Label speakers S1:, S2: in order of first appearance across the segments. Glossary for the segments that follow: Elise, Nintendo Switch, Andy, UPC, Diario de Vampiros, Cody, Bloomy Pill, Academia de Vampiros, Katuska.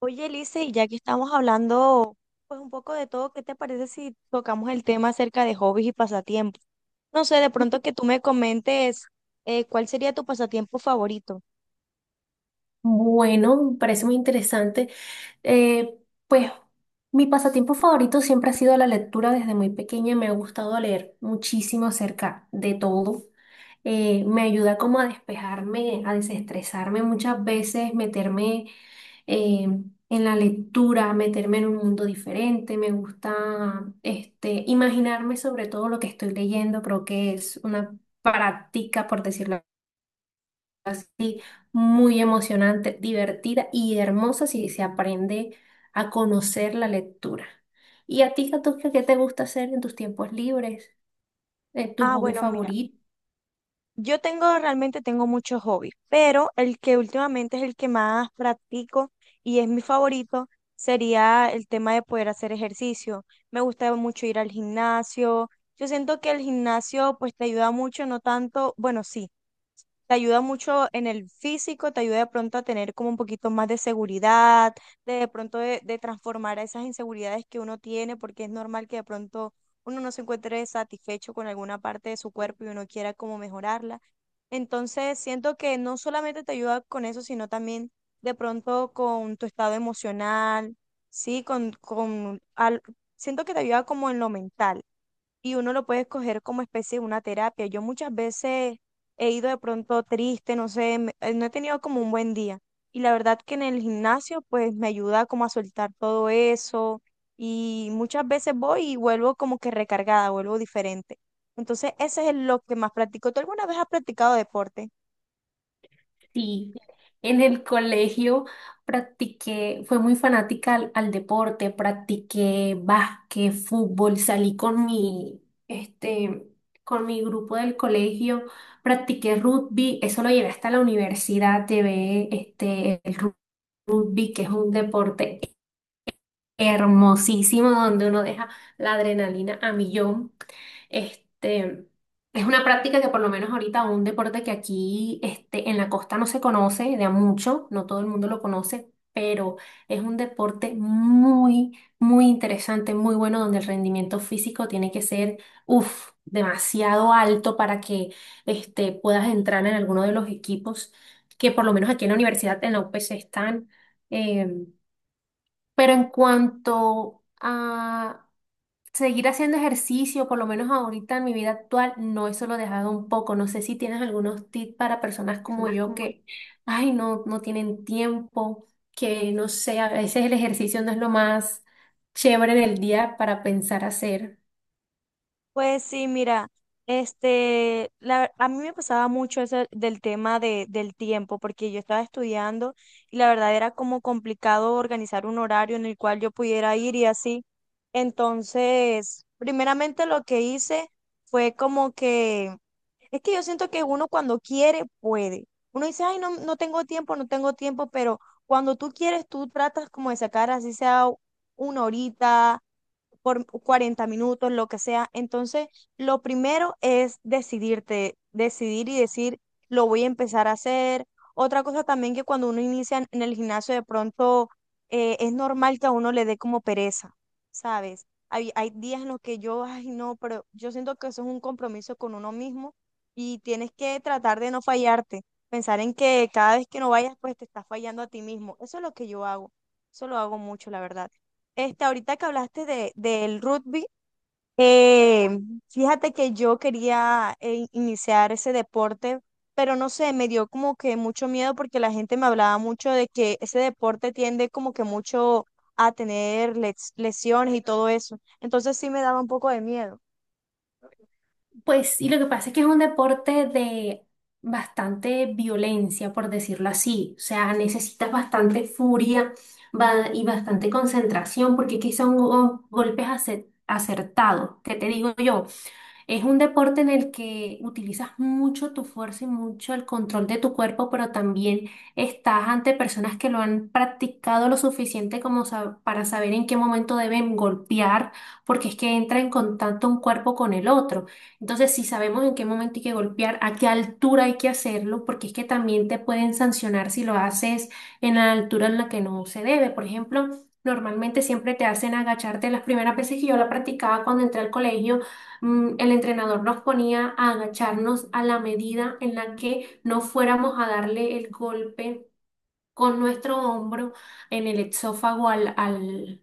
S1: Oye, Elise, y ya que estamos hablando pues un poco de todo, ¿qué te parece si tocamos el tema acerca de hobbies y pasatiempos? No sé, de pronto que tú me comentes cuál sería tu pasatiempo favorito.
S2: Bueno, me parece muy interesante. Eh, pues mi pasatiempo favorito siempre ha sido la lectura desde muy pequeña. Me ha gustado leer muchísimo acerca de todo. Me ayuda como a despejarme, a desestresarme muchas veces, meterme eh, en la lectura, meterme en un mundo diferente. Me gusta imaginarme sobre todo lo que estoy leyendo. Creo que es una práctica, por decirlo así, muy emocionante, divertida y hermosa si se aprende a conocer la lectura. ¿Y a ti, Katuska, qué te gusta hacer en tus tiempos libres? ¿Tu
S1: Ah,
S2: hobby
S1: bueno, mira,
S2: favorito?
S1: yo tengo realmente tengo muchos hobbies, pero el que últimamente es el que más practico y es mi favorito sería el tema de poder hacer ejercicio. Me gusta mucho ir al gimnasio. Yo siento que el gimnasio pues te ayuda mucho, no tanto, bueno, sí. Te ayuda mucho en el físico, te ayuda de pronto a tener como un poquito más de seguridad, de pronto de transformar esas inseguridades que uno tiene, porque es normal que de pronto uno no se encuentre satisfecho con alguna parte de su cuerpo y uno quiera como mejorarla. Entonces, siento que no solamente te ayuda con eso, sino también de pronto con tu estado emocional, sí, siento que te ayuda como en lo mental y uno lo puede escoger como especie de una terapia. Yo muchas veces he ido de pronto triste, no sé, no he tenido como un buen día. Y la verdad que en el gimnasio pues me ayuda como a soltar todo eso y muchas veces voy y vuelvo como que recargada, vuelvo diferente. Entonces, ese es lo que más practico. ¿Tú alguna vez has practicado deporte?
S2: Sí. En el colegio practiqué, fue muy fanática al deporte, practiqué básquet, fútbol, salí este, con mi grupo del colegio, practiqué rugby, eso lo llevé hasta la universidad, llevé el rugby, que es un deporte hermosísimo donde uno deja la adrenalina a millón. Este, es una práctica que por lo menos ahorita un deporte que aquí en la costa no se conoce de a mucho, no todo el mundo lo conoce, pero es un deporte muy, muy interesante, muy bueno donde el rendimiento físico tiene que ser, uff, demasiado alto para que puedas entrar en alguno de los equipos que por lo menos aquí en la universidad, en la UPC están. em, pero en cuanto a seguir haciendo ejercicio, por lo menos ahorita en mi vida actual, no, eso lo he dejado un poco. No sé si tienes algunos tips para personas como yo que, ay, no, no tienen tiempo, que no sé, a veces el ejercicio no es lo más chévere del día para pensar hacer.
S1: Pues sí, mira, a mí me pasaba mucho eso del tema del tiempo, porque yo estaba estudiando y la verdad era como complicado organizar un horario en el cual yo pudiera ir y así. Entonces, primeramente lo que hice fue como que, es que yo siento que uno cuando quiere puede. Uno dice, ay, no, no tengo tiempo, pero cuando tú quieres, tú tratas como de sacar así sea una horita por 40 minutos, lo que sea. Entonces, lo primero es decidirte, decidir y decir, lo voy a empezar a hacer. Otra cosa también que cuando uno inicia en el gimnasio, de pronto es normal que a uno le dé como pereza, ¿sabes? Hay días en los que yo, ay, no, pero yo siento que eso es un compromiso con uno mismo y tienes que tratar de no fallarte, pensar en que cada vez que no vayas, pues te estás fallando a ti mismo. Eso es lo que yo hago, eso lo hago mucho, la verdad. Este, ahorita que hablaste del rugby, eh, fíjate que yo quería iniciar ese deporte, pero no sé, me dio como que mucho miedo porque la gente me hablaba mucho de que ese deporte tiende como que mucho a tener lesiones y todo eso. Entonces sí me daba un poco de miedo.
S2: Pues, y lo que pasa es que es un deporte de bastante violencia, por decirlo así. O sea, necesitas bastante furia y bastante concentración, porque aquí son golpes acertados. ¿Qué te digo yo? Es un deporte en el que utilizas mucho tu fuerza y mucho el control de tu cuerpo, pero también estás ante personas que lo han practicado lo suficiente como para saber en qué momento deben golpear, porque es que entra en contacto un cuerpo con el otro. Entonces, si sabemos en qué momento hay que golpear, a qué altura hay que hacerlo, porque es que también te pueden sancionar si lo haces en la altura en la que no se debe. Por ejemplo, normalmente siempre te hacen agacharte las primeras veces que yo la practicaba cuando entré al colegio. El entrenador nos ponía a agacharnos a la medida en la que no fuéramos a darle el golpe con nuestro hombro en el exófago al, al,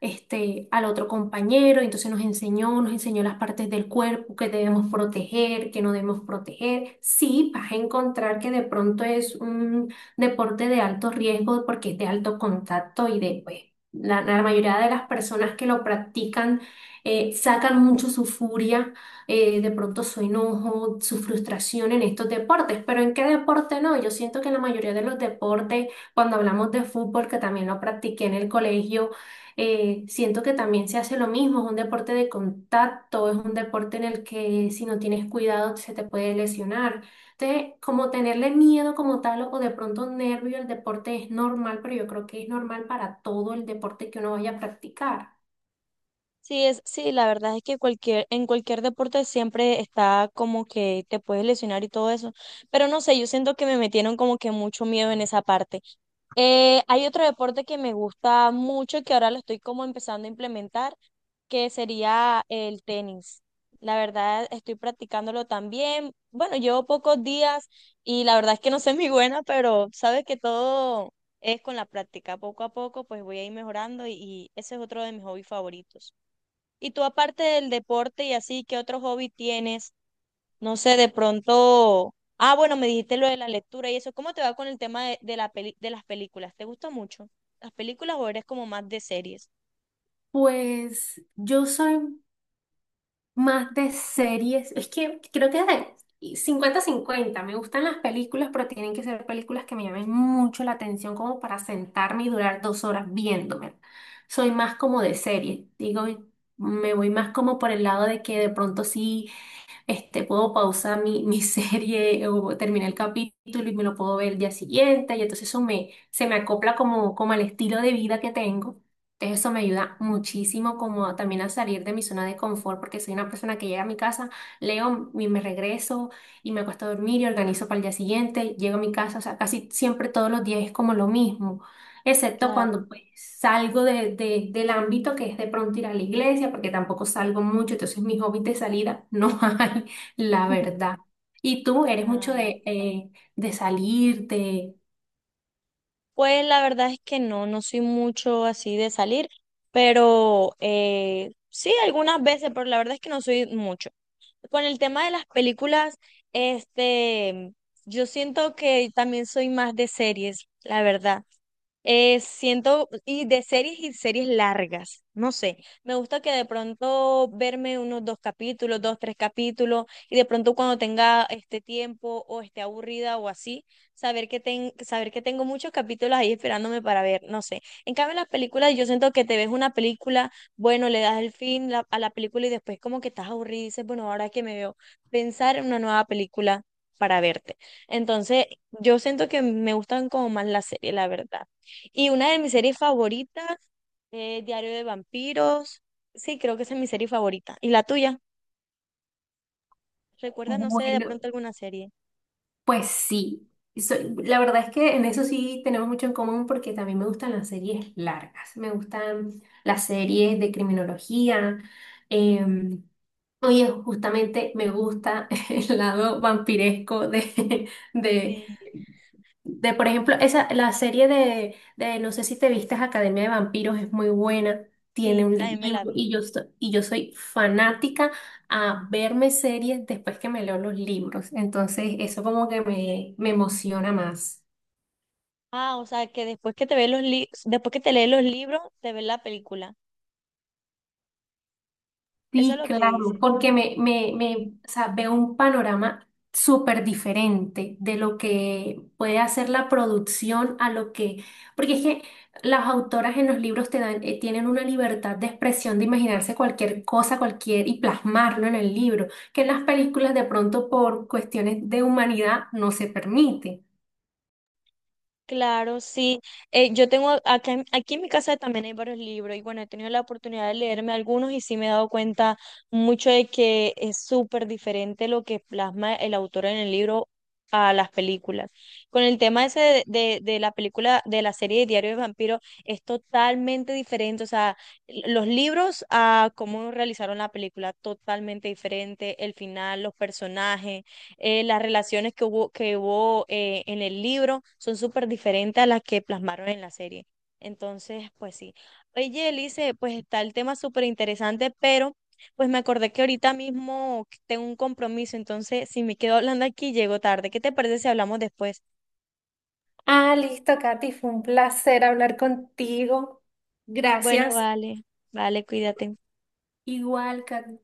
S2: este, al otro compañero. Entonces nos enseñó las partes del cuerpo que debemos proteger, que no debemos proteger. Sí, vas a encontrar que de pronto es un deporte de alto riesgo porque es de alto contacto y de, pues, la mayoría de las personas que lo practican sacan mucho su furia, de pronto su enojo, su frustración en estos deportes, pero ¿en qué deporte no? Yo siento que en la mayoría de los deportes cuando hablamos de fútbol, que también lo practiqué en el colegio, siento que también se hace lo mismo, es un deporte de contacto, es un deporte en el que si no tienes cuidado se te puede lesionar. Entonces, como tenerle miedo como tal o de pronto nervio al deporte es normal, pero yo creo que es normal para todo el deporte que uno vaya a practicar.
S1: Sí, sí, la verdad es que en cualquier deporte siempre está como que te puedes lesionar y todo eso. Pero no sé, yo siento que me metieron como que mucho miedo en esa parte. Hay otro deporte que me gusta mucho y que ahora lo estoy como empezando a implementar, que sería el tenis. La verdad, estoy practicándolo también. Bueno, llevo pocos días y la verdad es que no soy muy buena, pero sabes que todo es con la práctica. Poco a poco, pues voy a ir mejorando y ese es otro de mis hobbies favoritos. Y tú aparte del deporte y así, ¿qué otro hobby tienes? No sé, de pronto... Ah, bueno, me dijiste lo de la lectura y eso. ¿Cómo te va con el tema de la de las películas? ¿Te gusta mucho las películas o eres como más de series?
S2: Pues yo soy más de series. Es que creo que de 50 cincuenta. Me gustan las películas, pero tienen que ser películas que me llamen mucho la atención como para sentarme y durar dos horas viéndome. Soy más como de serie. Digo, me voy más como por el lado de que de pronto sí. Puedo pausar mi serie o terminar el capítulo y me lo puedo ver el día siguiente. Y entonces eso me, se me acopla como, como al estilo de vida que tengo. Entonces eso me ayuda muchísimo como a- también a salir de mi zona de confort porque soy una persona que llega a mi casa, leo y me regreso y me acuesto a dormir y organizo para el día siguiente. Llego a mi casa, o sea, casi siempre todos los días es como lo mismo excepto
S1: Claro.
S2: cuando pues, salgo del ámbito que es de pronto ir a la iglesia, porque tampoco salgo mucho, entonces mis hobbies de salida no hay, la verdad. ¿Y tú eres
S1: Ah,
S2: mucho
S1: vale.
S2: de salir, de...
S1: Pues la verdad es que no, no soy mucho así de salir, pero sí algunas veces, pero la verdad es que no soy mucho. Con el tema de las películas, este, yo siento que también soy más de series, la verdad. Siento, y de series y series largas, no sé, me gusta que de pronto verme unos dos capítulos, dos, tres capítulos, y de pronto cuando tenga este tiempo o esté aburrida o así, saber que, ten, saber que tengo muchos capítulos ahí esperándome para ver, no sé. En cambio, en las películas yo siento que te ves una película, bueno, le das el fin a la película y después como que estás aburrida y dices, bueno, ahora que me veo, pensar en una nueva película para verte. Entonces, yo siento que me gustan como más las series, la verdad. Y una de mis series favoritas es Diario de Vampiros. Sí, creo que esa es mi serie favorita. ¿Y la tuya? ¿Recuerdas, no sé, de
S2: Bueno,
S1: pronto alguna serie?
S2: pues sí. Soy- la verdad es que en eso sí tenemos mucho en común porque también me gustan las series largas, me gustan las series de criminología. em, Oye, justamente me gusta el lado vampiresco de,
S1: Sí.
S2: Por ejemplo, esa, la serie no sé si te vistes, Academia de Vampiros es muy buena, tiene
S1: Sí,
S2: un
S1: también me la
S2: libro
S1: vi.
S2: y yo, so- y yo soy fanática a verme series después que me leo los libros, entonces eso como que me emociona más.
S1: Ah, o sea, que después que te ves los después que te lees los libros, te ves la película. Eso es
S2: Sí,
S1: lo que
S2: claro,
S1: dices.
S2: porque o sea, veo un panorama súper diferente de lo que puede hacer la producción a lo que, porque es que las autoras en los libros te dan, tienen una libertad de expresión, de imaginarse cualquier cosa, y plasmarlo en el libro, que en las películas de pronto por cuestiones de humanidad no se permite.
S1: Claro, sí. Yo tengo acá, aquí en mi casa también hay varios libros y bueno, he tenido la oportunidad de leerme algunos y sí me he dado cuenta mucho de que es súper diferente lo que plasma el autor en el libro a las películas. Con el tema ese de la película, de la serie de Diario de Vampiro, es totalmente diferente. O sea, los libros a cómo realizaron la película, totalmente diferente. El final, los personajes las relaciones que hubo, que hubo en el libro son súper diferentes a las que plasmaron en la serie. Entonces, pues sí. Oye, Elise, pues está el tema súper interesante, pero pues me acordé que ahorita mismo tengo un compromiso, entonces si me quedo hablando aquí llego tarde. ¿Qué te parece si hablamos después?
S2: Ah, listo, Katy, fue un placer hablar contigo.
S1: Bueno,
S2: Gracias.
S1: vale, vale, cuídate.
S2: Igual, Katy.